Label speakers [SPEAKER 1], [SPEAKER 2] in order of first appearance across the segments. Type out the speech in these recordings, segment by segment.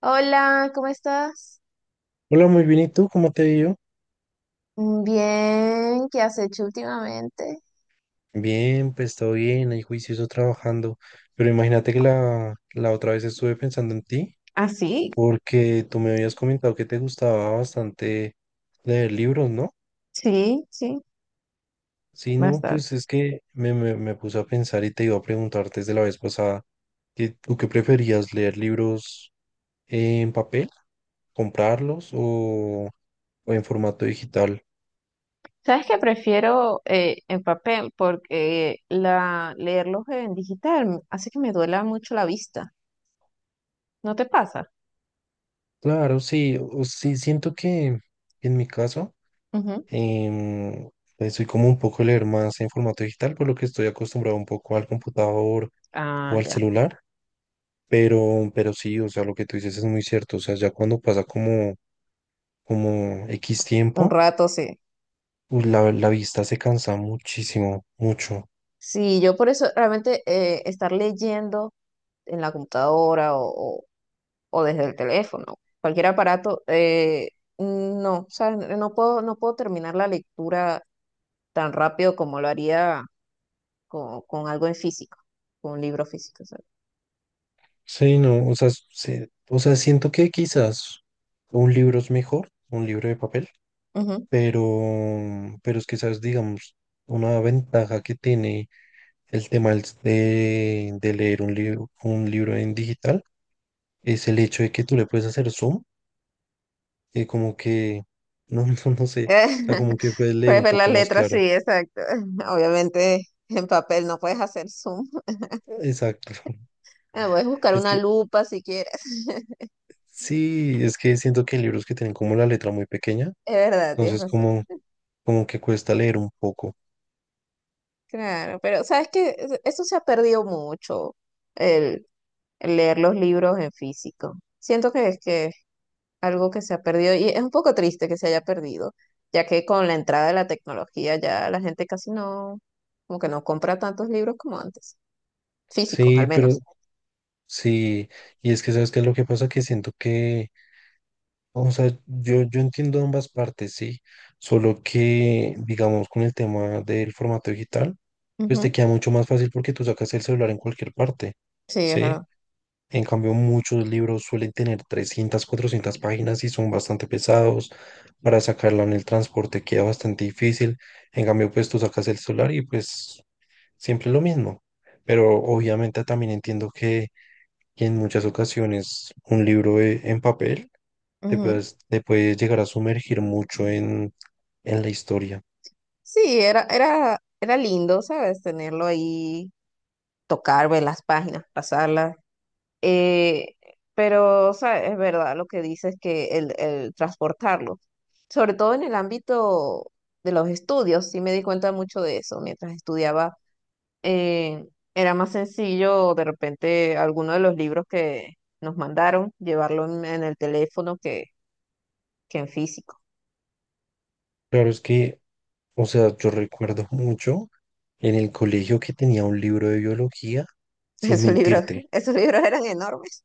[SPEAKER 1] Hola, ¿cómo estás?
[SPEAKER 2] Hola, muy bien. ¿Y tú? ¿Cómo te ha ido?
[SPEAKER 1] Bien, ¿qué has hecho últimamente?
[SPEAKER 2] Bien, pues todo bien, ahí juicioso trabajando. Pero imagínate que la otra vez estuve pensando en ti,
[SPEAKER 1] Ah, sí,
[SPEAKER 2] porque tú me habías comentado que te gustaba bastante leer libros, ¿no?
[SPEAKER 1] sí, sí,
[SPEAKER 2] Sí, no,
[SPEAKER 1] bastante.
[SPEAKER 2] pues es que me puse a pensar y te iba a preguntar desde la vez pasada, que, ¿tú qué preferías, leer libros en papel, comprarlos o en formato digital?
[SPEAKER 1] ¿Sabes qué? Prefiero en papel porque leerlos en digital hace que me duela mucho la vista. ¿No te pasa?
[SPEAKER 2] Claro, sí, sí, siento que en mi caso.
[SPEAKER 1] Ujú.
[SPEAKER 2] em, pues soy como un poco leer más en formato digital, por lo que estoy acostumbrado un poco al computador o
[SPEAKER 1] Ah,
[SPEAKER 2] al
[SPEAKER 1] ya.
[SPEAKER 2] celular, pero sí, o sea, lo que tú dices es muy cierto, o sea, ya cuando pasa como, X
[SPEAKER 1] Un
[SPEAKER 2] tiempo,
[SPEAKER 1] rato, sí.
[SPEAKER 2] pues la vista se cansa muchísimo, mucho.
[SPEAKER 1] Sí, yo por eso realmente estar leyendo en la computadora o- o desde el teléfono, cualquier aparato, no, o sea, no puedo terminar la lectura tan rápido como lo haría con algo en físico, con un libro físico. ¿Sabes?
[SPEAKER 2] Sí, no, o sea, o sea, siento que quizás un libro es mejor, un libro de papel,
[SPEAKER 1] Ujú.
[SPEAKER 2] pero, pero es que, sabes, digamos, una ventaja que tiene el tema de leer un libro en digital es el hecho de que tú le puedes hacer zoom y como que, no, no sé, o sea, como que puedes leer
[SPEAKER 1] Puedes
[SPEAKER 2] un
[SPEAKER 1] ver las
[SPEAKER 2] poco más
[SPEAKER 1] letras, sí,
[SPEAKER 2] claro.
[SPEAKER 1] exacto. Obviamente en papel no puedes hacer zoom.
[SPEAKER 2] Exacto.
[SPEAKER 1] Ah, puedes buscar
[SPEAKER 2] Es
[SPEAKER 1] una
[SPEAKER 2] que
[SPEAKER 1] lupa si quieres.
[SPEAKER 2] sí, es que siento que hay libros que tienen como la letra muy pequeña,
[SPEAKER 1] Es verdad, tienes
[SPEAKER 2] entonces
[SPEAKER 1] razón.
[SPEAKER 2] como que cuesta leer un poco.
[SPEAKER 1] Claro, pero sabes que eso se ha perdido mucho, el, el leer los libros en físico. Siento que es que algo que se ha perdido y es un poco triste que se haya perdido, ya que con la entrada de la tecnología ya la gente casi no, como que no compra tantos libros como antes, físicos
[SPEAKER 2] Sí,
[SPEAKER 1] al
[SPEAKER 2] pero
[SPEAKER 1] menos.
[SPEAKER 2] sí, y es que sabes qué es lo que pasa, que siento que, o sea, yo entiendo ambas partes, sí, solo que, digamos, con el tema del formato digital, pues te
[SPEAKER 1] Ujú.
[SPEAKER 2] queda mucho más fácil porque tú sacas el celular en cualquier parte,
[SPEAKER 1] Sí, es
[SPEAKER 2] ¿sí?
[SPEAKER 1] verdad.
[SPEAKER 2] En cambio, muchos libros suelen tener 300, 400 páginas y son bastante pesados. Para sacarla en el transporte queda bastante difícil. En cambio, pues tú sacas el celular y pues siempre lo mismo. Pero obviamente también entiendo que en muchas ocasiones un libro en papel te
[SPEAKER 1] Ujú.
[SPEAKER 2] puedes, te puedes llegar a sumergir mucho en la historia.
[SPEAKER 1] Sí, era lindo, ¿sabes? Tenerlo ahí, tocar, ver las páginas, pasarlas. Eh, pero, ¿sabes? Es verdad lo que dices que el transportarlo, sobre todo en el ámbito de los estudios, sí me di cuenta mucho de eso mientras estudiaba, eh, era más sencillo de repente alguno de los libros que nos mandaron llevarlo en el teléfono que en físico.
[SPEAKER 2] Claro, es que, o sea, yo recuerdo mucho en el colegio que tenía un libro de biología, sin
[SPEAKER 1] Esos libros,
[SPEAKER 2] mentirte,
[SPEAKER 1] esos libros eran enormes.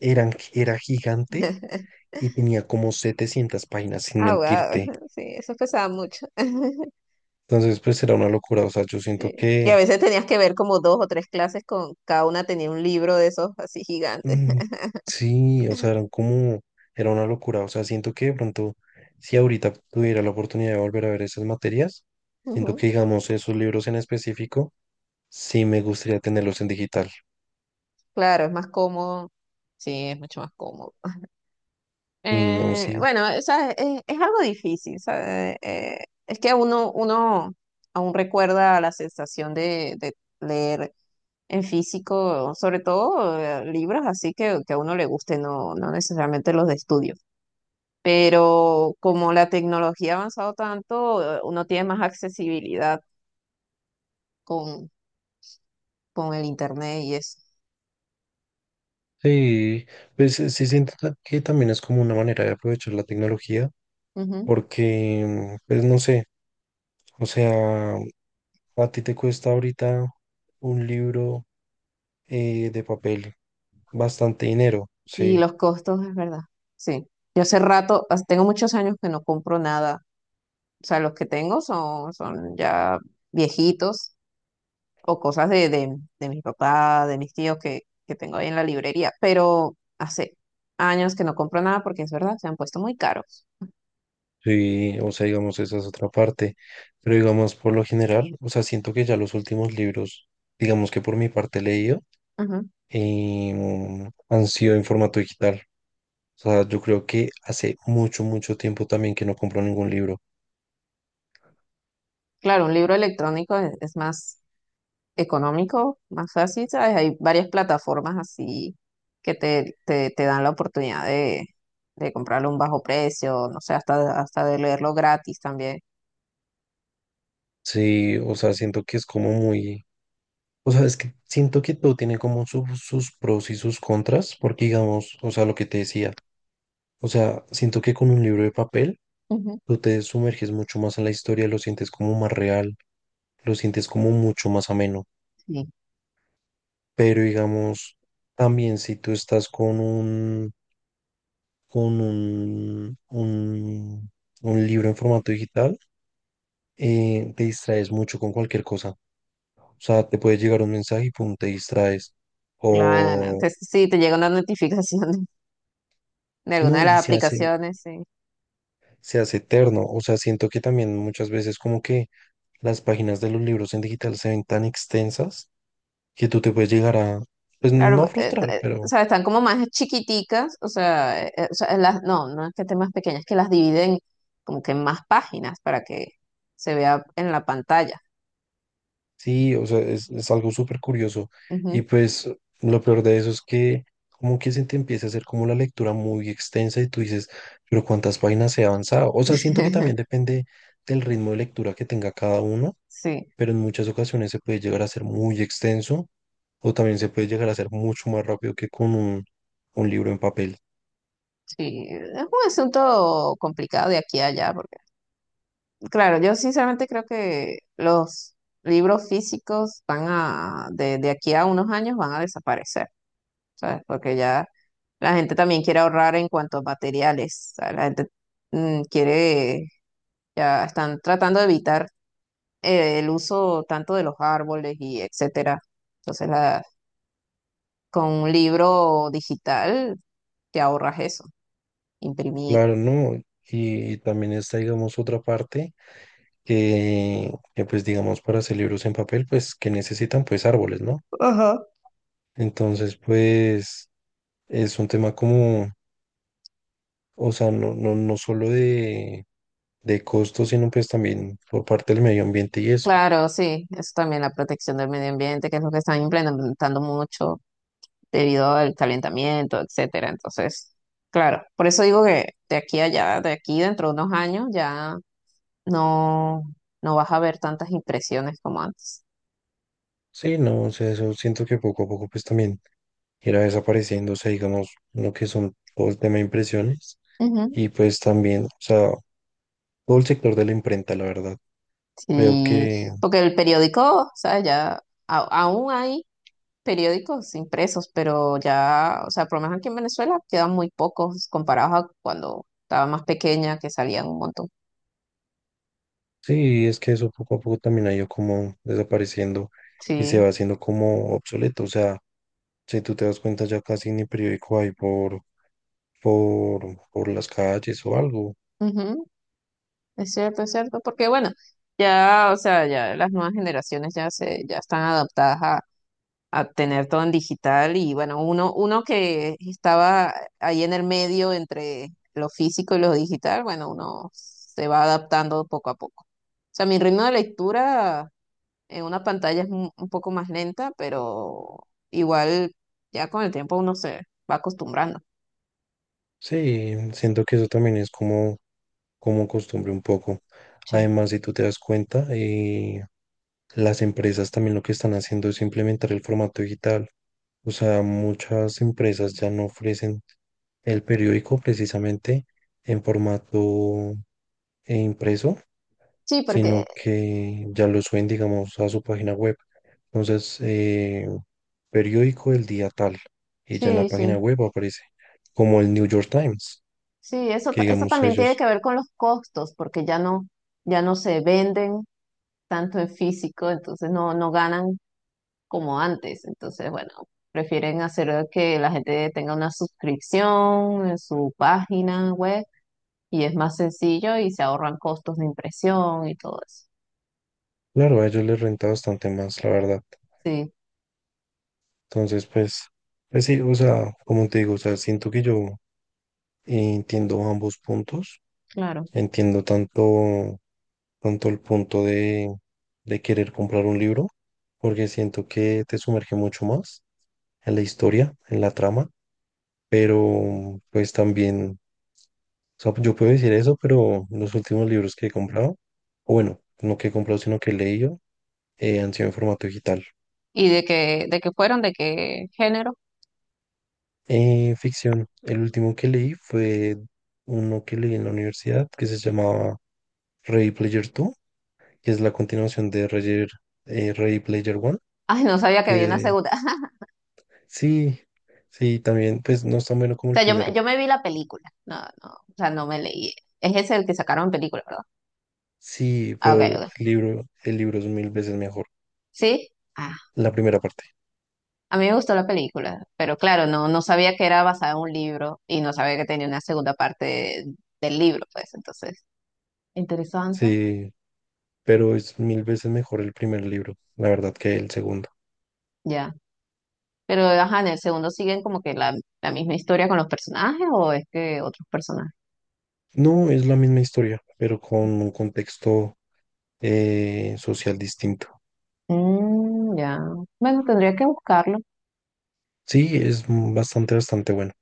[SPEAKER 2] eran, era gigante y tenía como 700 páginas, sin
[SPEAKER 1] Ah, wow,
[SPEAKER 2] mentirte.
[SPEAKER 1] sí, eso pesaba mucho.
[SPEAKER 2] Entonces, pues era una locura, o sea, yo siento
[SPEAKER 1] Sí. Y a
[SPEAKER 2] que,
[SPEAKER 1] veces tenías que ver como dos o tres clases con cada una tenía un libro de esos así gigantes.
[SPEAKER 2] mm, sí, o sea, eran como, era una locura, o sea, siento que de pronto, si ahorita tuviera la oportunidad de volver a ver esas materias, siento
[SPEAKER 1] Ujú.
[SPEAKER 2] que, digamos, esos libros en específico, sí, me gustaría tenerlos en digital.
[SPEAKER 1] Claro, es más cómodo. Sí, es mucho más cómodo.
[SPEAKER 2] Uy, no, sí.
[SPEAKER 1] Bueno, o sea, es algo difícil, ¿sabe? Es que uno aún recuerda la sensación de leer en físico, sobre todo libros así que a uno le guste, no necesariamente los de estudio. Pero como la tecnología ha avanzado tanto, uno tiene más accesibilidad con, con el internet y eso.
[SPEAKER 2] Sí, pues sí siento que también es como una manera de aprovechar la tecnología,
[SPEAKER 1] Ujú.
[SPEAKER 2] porque, pues no sé, o sea, a ti te cuesta ahorita un libro de papel bastante dinero,
[SPEAKER 1] Y
[SPEAKER 2] sí.
[SPEAKER 1] los costos, es verdad. Sí. Yo hace rato, tengo muchos años que no compro nada. O sea, los que tengo son ya viejitos o cosas de mis papás, de mis tíos que tengo ahí en la librería. Pero hace años que no compro nada porque es verdad, se han puesto muy caros.
[SPEAKER 2] Sí, o sea, digamos, esa es otra parte, pero digamos, por lo general, o sea, siento que ya los últimos libros, digamos que por mi parte he leído,
[SPEAKER 1] Ujú.
[SPEAKER 2] han sido en formato digital. O sea, yo creo que hace mucho, mucho tiempo también que no compro ningún libro.
[SPEAKER 1] Claro, un libro electrónico es más económico, más fácil, ¿sabes? Hay varias plataformas así que te dan la oportunidad de comprarlo a un bajo precio, no sé, hasta de leerlo gratis también.
[SPEAKER 2] Sí, o sea, siento que es como muy, o sea, es que siento que todo tiene como sus pros y sus contras, porque digamos, o sea, lo que te decía, o sea, siento que con un libro de papel
[SPEAKER 1] Ujú.
[SPEAKER 2] tú te sumerges mucho más en la historia, lo sientes como más real, lo sientes como mucho más ameno.
[SPEAKER 1] Sí,
[SPEAKER 2] Pero digamos, también si tú estás con un, con un libro en formato digital, te distraes mucho con cualquier cosa. O sea, te puede llegar un mensaje y pum, te distraes.
[SPEAKER 1] claro.
[SPEAKER 2] O
[SPEAKER 1] Sí, te llega una notificación de alguna de
[SPEAKER 2] no, y
[SPEAKER 1] las
[SPEAKER 2] se hace,
[SPEAKER 1] aplicaciones, sí.
[SPEAKER 2] se hace eterno. O sea, siento que también muchas veces como que las páginas de los libros en digital se ven tan extensas que tú te puedes llegar a, pues no
[SPEAKER 1] Claro,
[SPEAKER 2] a frustrar,
[SPEAKER 1] o
[SPEAKER 2] pero
[SPEAKER 1] sea, están como más chiquiticas, o sea, las, no, no es que estén más pequeñas, es que las dividen como que en más páginas para que se vea en la pantalla.
[SPEAKER 2] sí, o sea, es algo súper curioso.
[SPEAKER 1] Ujú.
[SPEAKER 2] Y pues lo peor de eso es que como que se te empieza a hacer como la lectura muy extensa y tú dices, pero ¿cuántas páginas he avanzado? O sea, siento que también depende del ritmo de lectura que tenga cada uno,
[SPEAKER 1] Sí,
[SPEAKER 2] pero en muchas ocasiones se puede llegar a ser muy extenso o también se puede llegar a ser mucho más rápido que con un libro en papel.
[SPEAKER 1] sí, es un asunto complicado de aquí a allá, porque, claro, yo sinceramente creo que los libros físicos van a, de aquí a unos años van a desaparecer. ¿Sabes? Porque ya la gente también quiere ahorrar en cuanto a materiales, ¿sabes? La gente quiere, ya están tratando de evitar el uso tanto de los árboles y etcétera. Entonces, la, con un libro digital te ahorras eso, imprimir.
[SPEAKER 2] Claro, ¿no? Y también está, digamos, otra parte que, pues, digamos, para hacer libros en papel, pues, que necesitan, pues, árboles, ¿no?
[SPEAKER 1] Ajá.
[SPEAKER 2] Entonces, pues es un tema como, o sea, no solo de costos, sino pues también por parte del medio ambiente y eso.
[SPEAKER 1] Claro, sí, eso también la protección del medio ambiente, que es lo que están implementando mucho debido al calentamiento, etcétera. Entonces, claro, por eso digo que de aquí a allá, de aquí dentro de unos años, ya no, no vas a ver tantas impresiones como antes.
[SPEAKER 2] Sí, no, o sea, eso siento que poco a poco pues también irá desapareciendo, o sea, digamos, lo que son todo el tema de impresiones
[SPEAKER 1] Ujú.
[SPEAKER 2] y pues también, o sea, todo el sector de la imprenta, la verdad. Veo
[SPEAKER 1] Sí,
[SPEAKER 2] que,
[SPEAKER 1] porque el periódico, o sea, ya aún hay periódicos impresos, pero ya, o sea, por lo menos aquí en Venezuela quedan muy pocos comparados a cuando estaba más pequeña, que salían un montón.
[SPEAKER 2] sí, es que eso poco a poco también ha ido como desapareciendo y se
[SPEAKER 1] Sí,
[SPEAKER 2] va haciendo como obsoleto. O sea, si tú te das cuenta, ya casi ni periódico hay por las calles o algo.
[SPEAKER 1] ujú. Es cierto, porque bueno, ya, o sea, ya las nuevas generaciones ya se, ya están adaptadas a tener todo en digital y bueno, uno que estaba ahí en el medio entre lo físico y lo digital, bueno, uno se va adaptando poco a poco. O sea, mi ritmo de lectura en una pantalla es un poco más lenta, pero igual ya con el tiempo uno se va acostumbrando.
[SPEAKER 2] Sí, siento que eso también es como, como costumbre un poco.
[SPEAKER 1] Sí.
[SPEAKER 2] Además, si tú te das cuenta, las empresas también lo que están haciendo es implementar el formato digital. O sea, muchas empresas ya no ofrecen el periódico precisamente en formato e impreso,
[SPEAKER 1] Sí, porque
[SPEAKER 2] sino que ya lo suben, digamos, a su página web. Entonces, periódico del día tal, y ya en
[SPEAKER 1] sí,
[SPEAKER 2] la página
[SPEAKER 1] sí.
[SPEAKER 2] web aparece, como el New York Times,
[SPEAKER 1] Sí, eso,
[SPEAKER 2] que
[SPEAKER 1] eso
[SPEAKER 2] digamos
[SPEAKER 1] también tiene
[SPEAKER 2] ellos,
[SPEAKER 1] que ver con los costos, porque ya no, ya no se venden tanto en físico, entonces no, no ganan como antes. Entonces, bueno, prefieren hacer que la gente tenga una suscripción en su página web y es más sencillo y se ahorran costos de impresión y todo eso.
[SPEAKER 2] claro, a ellos les renta bastante más, la verdad.
[SPEAKER 1] Sí,
[SPEAKER 2] Entonces, pues, pues sí, o sea, como te digo, o sea, siento que yo entiendo ambos puntos,
[SPEAKER 1] claro.
[SPEAKER 2] entiendo tanto, tanto el punto de querer comprar un libro, porque siento que te sumerge mucho más en la historia, en la trama, pero pues también, o sea, yo puedo decir eso, pero los últimos libros que he comprado, o bueno, no que he comprado, sino que he leído, han sido en formato digital.
[SPEAKER 1] ¿Y de qué fueron? ¿De qué género?
[SPEAKER 2] Ficción, el último que leí fue uno que leí en la universidad que se llamaba Ready Player 2, que es la continuación de Ready Player 1,
[SPEAKER 1] Ay, no sabía que había una
[SPEAKER 2] que
[SPEAKER 1] segunda.
[SPEAKER 2] sí, sí, también, pues no es tan bueno
[SPEAKER 1] O
[SPEAKER 2] como el
[SPEAKER 1] sea,
[SPEAKER 2] primero.
[SPEAKER 1] yo me vi la película. No, no, o sea, no me leí. Es ese el que sacaron en película, ¿verdad?
[SPEAKER 2] Sí,
[SPEAKER 1] Ah,
[SPEAKER 2] pero
[SPEAKER 1] ok, ok.
[SPEAKER 2] el libro es mil veces mejor.
[SPEAKER 1] ¿Sí? Ah,
[SPEAKER 2] La primera parte.
[SPEAKER 1] a mí me gustó la película, pero claro, no, no sabía que era basada en un libro y no sabía que tenía una segunda parte del libro, pues entonces. Interesante.
[SPEAKER 2] Sí, pero es mil veces mejor el primer libro, la verdad, que el segundo.
[SPEAKER 1] Ya. Pero, ajá, en el segundo siguen como que la misma historia con los personajes o es que otros personajes.
[SPEAKER 2] No es la misma historia, pero con un contexto social distinto.
[SPEAKER 1] Mm, ya. Bueno, tendría que buscarlo.
[SPEAKER 2] Sí, es bastante, bastante bueno.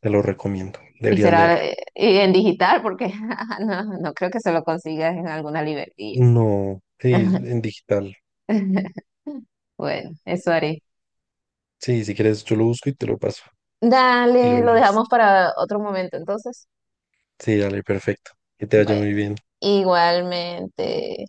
[SPEAKER 2] Te lo recomiendo.
[SPEAKER 1] Y
[SPEAKER 2] Deberías
[SPEAKER 1] será
[SPEAKER 2] leerlo.
[SPEAKER 1] y en digital porque ajá, no, no creo que se lo consigas en alguna librería.
[SPEAKER 2] No, sí, en digital.
[SPEAKER 1] Bueno, eso haré.
[SPEAKER 2] Sí, si quieres, yo lo busco y te lo paso. Y lo
[SPEAKER 1] Dale, lo
[SPEAKER 2] lees.
[SPEAKER 1] dejamos para otro momento entonces.
[SPEAKER 2] Sí, dale, perfecto. Que te vaya
[SPEAKER 1] Bueno.
[SPEAKER 2] muy bien.
[SPEAKER 1] Igualmente.